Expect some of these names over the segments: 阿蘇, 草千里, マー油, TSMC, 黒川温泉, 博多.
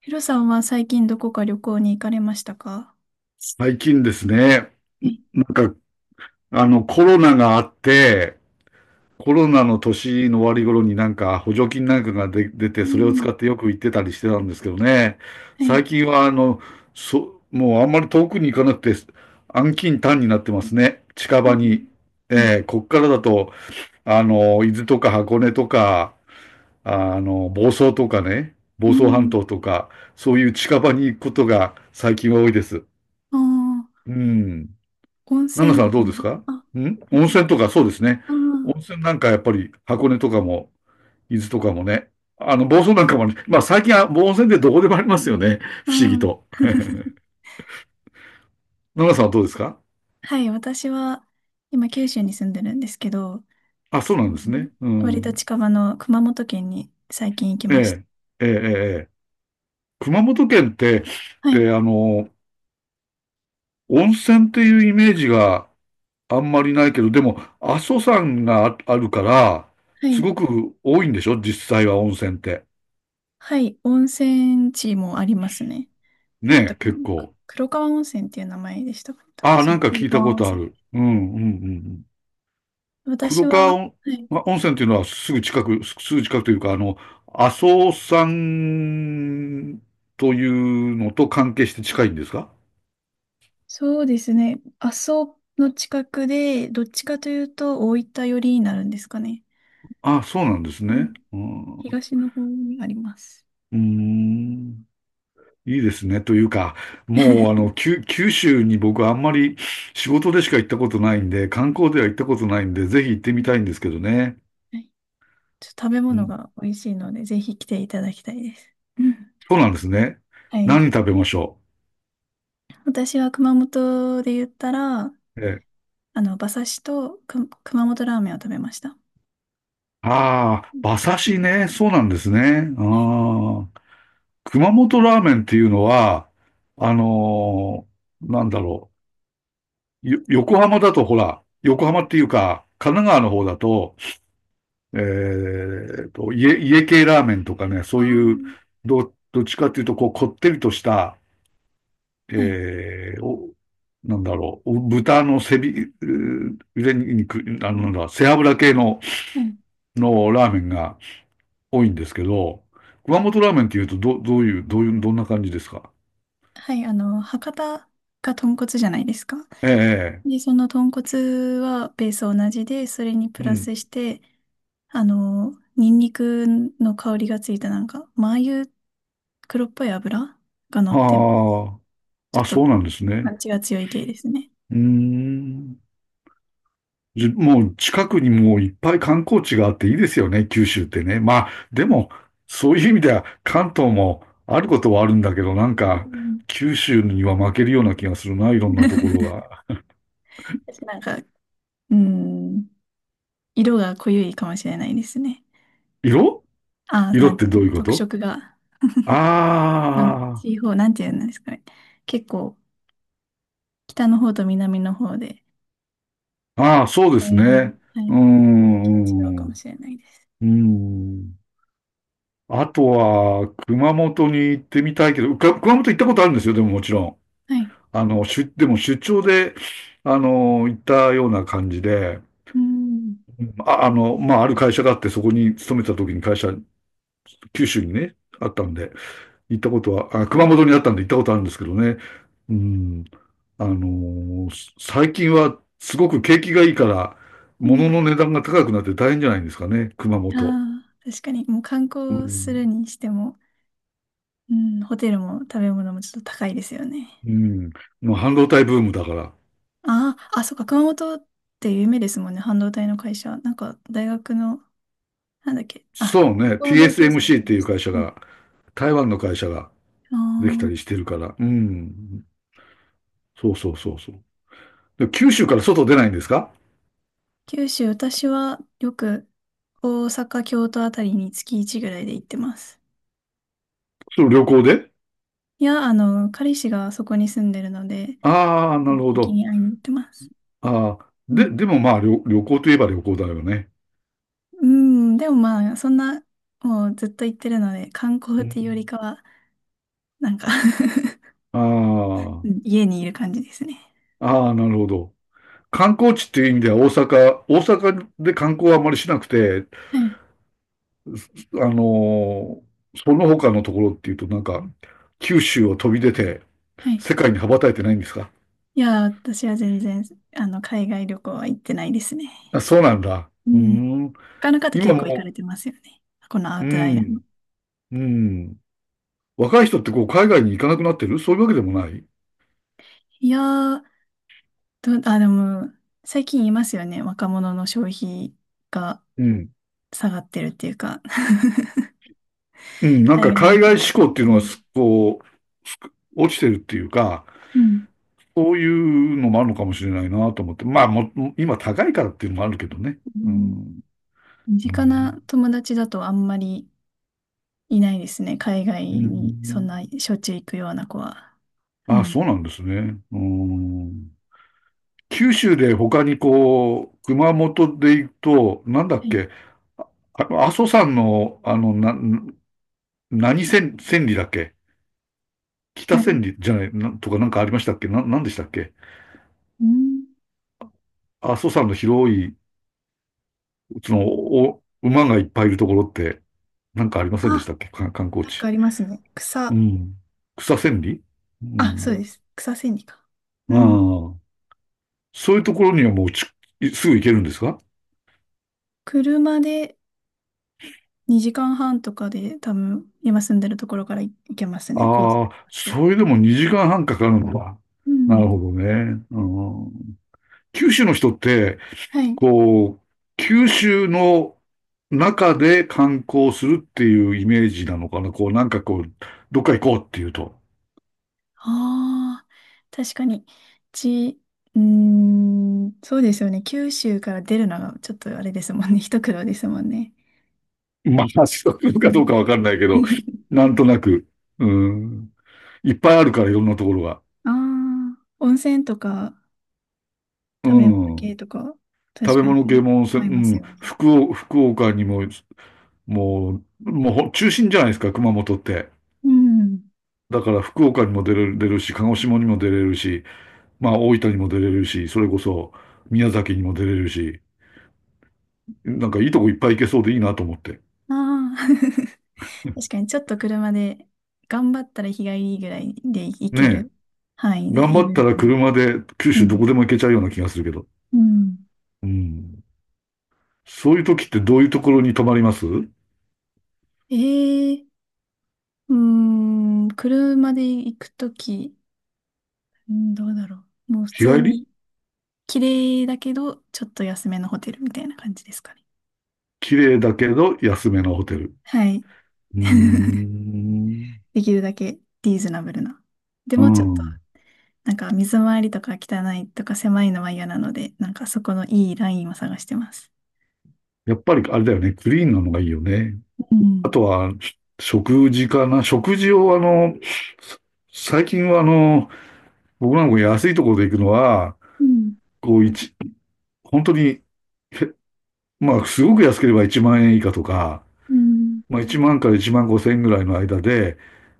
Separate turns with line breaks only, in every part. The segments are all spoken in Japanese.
ヒロさんは最近どこか旅行に行かれましたか？
最近ですね、
はい。
なんか、コロナがあって、コロナの年の終わり頃に補助金が出
う
て、それを使
ん。
ってよく行ってたりしてたんですけどね。
はい。
最近はもうあんまり遠くに行かなくて、安近短になってますね、近
う
場
ん。
に。
はい。
こっからだと、伊豆とか箱根とか、房総とかね、
う
房総半
ん。
島とか、そういう近場に行くことが最近は多いです。
ああ、
うん。
温
ナナさ
泉
んは
とか
どう
ね。
ですか？
あ、
温泉とかそうですね。温
あ
泉なんかやっぱり箱根とかも、伊豆とかもね。房総なんかもね。まあ最近はもう温泉でどこでもありますよね。
あ、あ
不思議
あ。
と。ナナさんはどうですか？
はい。私は、今、九州に住んでるんですけど、
あ、そうな
そ
ん
の
ですね。う
割と
ん。
近場の熊本県に最近行き
え
ました。
え、ええ、ええ。ええ、熊本県って、
はい。
で、あの、温泉っていうイメージがあんまりないけど、でも、阿蘇山があるから、
は
す
い。
ごく多いんでしょ実際は温泉って。
はい。温泉地もありますね。なんだった
ねえ、
かな、
結
く
構。
黒川温泉っていう名前でしたかね？
ああ、
そ
な
う、
んか
黒
聞いたこ
川温
とあ
泉。
る。うん、うん、うん。
私
黒
は、
川
は
温
い。
ま、温泉っていうのはすぐ近く、すぐ近くというか、あの、阿蘇山というのと関係して近いんですか？
そうですね。阿蘇の近くで、どっちかというと大分寄りになるんですかね。
ああ、そうなんです
う
ね。
ん。
うん、う
東の方にあります。
ーん、いいですね。というか、もう、あ の、九州に僕はあんまり仕事でしか行ったことないんで、観光では行ったことないんで、ぜひ行って
う
み
ん。
たいんですけどね。
はい。ちょっと食べ
う
物
ん、
が美味しいので、ぜひ来ていただきたいです。うん。
そうなんですね。
はい。
何食べましょ
私は熊本で言ったら、
う？ええ、
あの、馬刺しとく熊本ラーメンを食べました。
ああ、
うん。
馬刺しね。そうなんですね。
はい。
ああ、熊本ラーメンっていうのは、あのーなんだろう。横浜だとほら、横浜っていうか、神奈川の方だと、家系ラーメンとかね、そ
あ
ういう、
ー。
どっちかっていうと、こう、こってりとした、
はい。
えー、お、なんだろう、豚の背び、う腕肉、あの、なんだ、背脂系の、
はい。
のラーメンが、多いんですけど、熊本ラーメンっていうと、どういう、どんな感じですか？
はい。あの、博多が豚骨じゃないですか。
ええ、え
で、その豚骨はベース同じで、それに
え、
プ
う
ラ
ん。
スして、あの、ニンニクの香りがついたなんか、マー油、黒っぽい油が乗って、
あ
ち
あ、
ょ
あ、
っと
そうなんです
パ
ね。
ンチが強い系ですね。
うーん。もう近くにもういっぱい観光地があっていいですよね、九州ってね。まあ、でも、そういう意味では関東もあることはあるんだけど、なん
う
か、
ん。
九州には負けるような気がするな、いろんなところが。
私なんか、うん、色が濃ゆいかもしれないですね。
色、
ああ、
色
なん
っ
て
て
いう
どう
の、
いうこ
特
と？
色が、なん、
あ
地方、なんていうんですかね。結構、北の方と南の方で、
あ、ああ、そうで
だ
す
い
ね。
ぶ、はい、
う
雰
ー
囲気が違うかも
ん。
しれないです。
うん。あとは、熊本に行ってみたいけど、熊本行ったことあるんですよ、でももちろん。
はい。
でも出張で、あの、行ったような感じで、
うん。
まあ、ある会社があって、そこに勤めてた時に会社、九州にね、あったんで、行ったことは、あ、熊本にあったんで行ったことあるんですけどね。うん。あの、最近はすごく景気がいいから、
うん。
物の値段が高くなって大変じゃないんですかね、熊本。
ああ、確かに、もう観
う
光する
ん。
にしても、うん、ホテルも食べ物もちょっと高いですよね。
うん。もう半導体ブームだから。
ああ、あ、そっか、熊本って有名ですもんね、半導体の会社。なんか、大学の、なんだっけ、あ、
そう
高
ね。
校の同級生がやっ
TSMC っ
て
て
ま
いう
した。
会社
うん。
が、台湾の会社が
あ
できたりし
あ、
てるから。うん。そうそうそうそう。で、九州から外出ないんですか？
九州、私はよく大阪、京都あたりに月1ぐらいで行ってます。
その旅行で？
いや、あの、彼氏がそこに住んでるので、
ああー、な
定
る
期
ほ
的
ど。
に会いに行ってます。
ああ、
う
で、
ん。
でもまあ旅行といえば旅行だよね。
うん、でもまあ、そんな、もうずっと行ってるので、観光
う
っていうより
ん、
かは、なんか
あ
うん、家にいる感じですね。
あ、ああ、なるほど。観光地っていう意味では大阪で観光はあまりしなくて、
はい。
あのーその他のところっていうとなんか、九州を飛び出て、
はい。
世界に羽ばたいてないんですか？
いやー、私は全然、あの、海外旅行は行ってないですね。
あ、そうなんだ。
う
うー
ん。
ん。
他の方
今
結構行かれ
も、
てますよね。このア
う、
ウ
う
トライナーの。
ん、うん。若い人ってこう海外に行かなくなってるそういうわけでもない？
いやー、あ、でも、最近言いますよね。若者の消費が
うん。
下がってるっていうか
うん、なん
海
か
外旅
海
行。
外志向っていう
う
のは
ん。
こう、落ちてるっていうか、
うん。
そういうのもあるのかもしれないなと思って。まあ、今高いからっていうのもあるけどね。
う
う
ん。
ん。
身
う
近な
ん。
友達だとあんまりいないですね。海外
う
にそん
ん。
なしょっちゅう行くような子は。う
あ、
ん。
そうなんですね。うん。九州で他にこう、熊本で行くと、なんだ
は
っ
い。
け、あの、阿蘇山の何千、千里だっけ？北
なに、
千里じゃない、なんとか、なんかありましたっけ、なんでしたっけ？
うん。
阿蘇山の広い、その、馬がいっぱいいるところって、なんかありませんでし
あ、
たっけ観光
なん
地。
かありますね。
う
草。
ん。草千里？う
あ、そうで
ん。
す。草千里か。う
あ
ん。
あ。そういうところにはもうすぐ行けるんですか？
車で2時間半とかで多分今住んでるところから行けますね。高速
ああ、
で。
それでも2時間半かかるのか。
う
な
ん。
るほどね。うん、九州の人って、
はい。
こう、九州の中で観光するっていうイメージなのかな。こう、なんかこう、どっか行こうっていうと。
ああ、確かに。ち、うーん、そうですよね。九州から出るのがちょっとあれですもんね。一苦労ですもんね。
まあ、そういうの
う
か
ん
どうかわかんないけど、なんとなく、うん、いっぱいあるから、いろんなところが。
ああ、温泉とか
う
食べ物系
ん。
とか、
食
確
べ
かに通
物
っ
系も温
て
泉、
はいます
うん。
よね。
福岡にも、もう、もう中心じゃないですか、熊本って。
うん。
だから福岡にも出るし、鹿児島にも出れるし、まあ大分にも出れるし、それこそ宮崎にも出れるし、なんかいいとこいっぱい行けそうでいいなと思って。
ああ、確かにちょっと車で頑張ったら日帰りぐらいで行け
ねえ。
る範囲で
頑
い
張
ろ
っ
い
た
ろ。
ら車で九
う
州どこで
ん。
も行けちゃうような気がするけど。
うん。
うん。そういう時ってどういうところに泊まります？
ええ、うーん、車で行くとき、うん、どうだろう。もう普
日
通
帰り。
に綺麗だけど、ちょっと安めのホテルみたいな感じですかね。
綺麗だけど安めのホテル。
はい。
うーん。
できるだけリーズナブルな。で
う
もちょっと
ん。
なんか水回りとか汚いとか狭いのは嫌なので、なんかそこのいいラインを探してます。
やっぱりあれだよね。クリーンなのがいいよね。
う
あ
ん。
とは、食事かな。食事をあの、最近はあの、僕なんか安いところで行くのは、
うん。
こう一、本当に、へまあ、すごく安ければ1万円以下とか、
うん。
まあ、1万から1万5千円ぐらいの間で、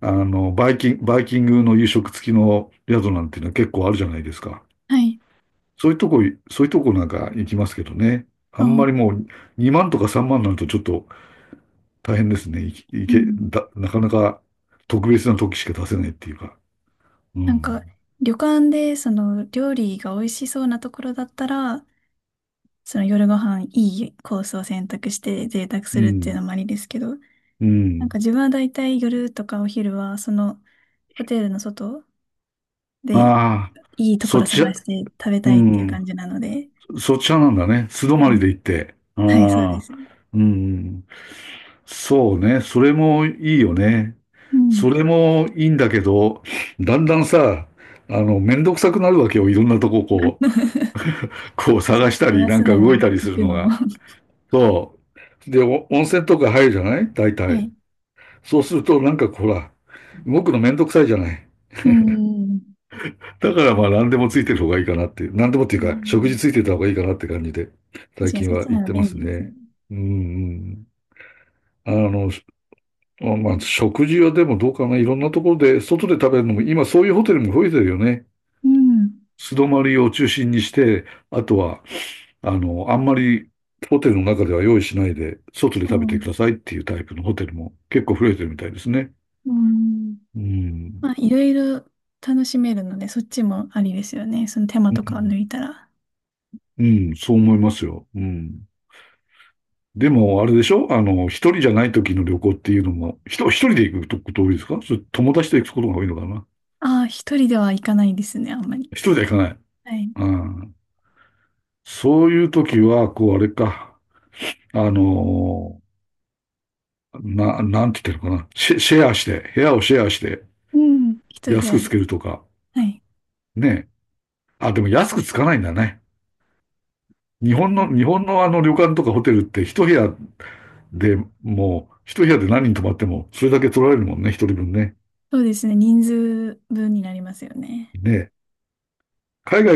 あの、バイキングの夕食付きの宿なんていうのは結構あるじゃないですか。
はい。
そういうとこ、そういうとこなんか行きますけどね。あんまりもう
あ、
2万とか3万になるとちょっと大変ですね。いい
う
け、
ん。
だ、なかなか特別な時しか出せないっていうか。う
なん
ん。
か旅館でその料理が美味しそうなところだったら、その夜ご飯、いいコースを選択して贅沢
う
するっていう
ん。
のもありですけど、
う
なん
ん。
か自分はだいたい夜とかお昼はそのホテルの外で
ああ、
いいとこ
そっ
ろ
ち
探
は、
して食べ
う
たいっていう
ん。
感じなので。
そっちはなんだね。素泊
は
まり
い。
で行って。
はい、そうで
あ
す。
あ、うん。そうね。それもいいよね。
うん
それもいいんだけど、だんだんさ、あの、めんどくさくなるわけよ。いろんなとこ こう、
確
こう
か
探し
に
たり、
探
なん
す
か
の
動
も、
いたりす
行
る
く
の
のも。
が。
は
そう。で、お温泉とか入るじゃない大体。
い。
そうすると、なんかほら、動くのめんどくさいじゃない。
うん。
だからまあ、何でもついてる方がいいかなっていう。何でもって
う
いうか、食事
ん。
ついてた方がいいかなって感じで、
確
最
かに、
近
そっ
は
ち
言
な
っ
ら
てま
便
す
利ですよね。
ね。うん。うん。あの、まあまあ、食事はでもどうかな。いろんなところで、外で食べるのも、今そういうホテルも増えてるよね。
うん。
素泊まりを中心にして、あとは、あの、あんまりホテルの中では用意しないで、外で
う
食べてく
ん。
ださいっていうタイプのホテルも結構増えてるみたいですね。
うん。
うん。
まあ、いろいろ楽しめるので、そっちもありですよね。その手間
う
とかを
ん、
抜いたら。
うん、そう思いますよ。うん。でも、あれでしょあの、一人じゃない時の旅行っていうのも、一人で行くこと多いですか？それ友達と行くことが多いのかな？
ああ、一人では行かないですね、あんまり。
一人では行かない。
はい。
うん。そういう時は、こう、あれか。あのーな、なんて言ってるかな。シェアして、部屋をシェアして、
うん。一部
安
屋
くつ
で。
けるとか。
はい。
ね。あ、でも安くつかないんだね。
うん。
日本のあの旅館とかホテルって一部屋で、もう、一部屋で何人泊まっても、それだけ取られるもんね、一人分ね。
そうですね。人数分になりますよね。
ね。海外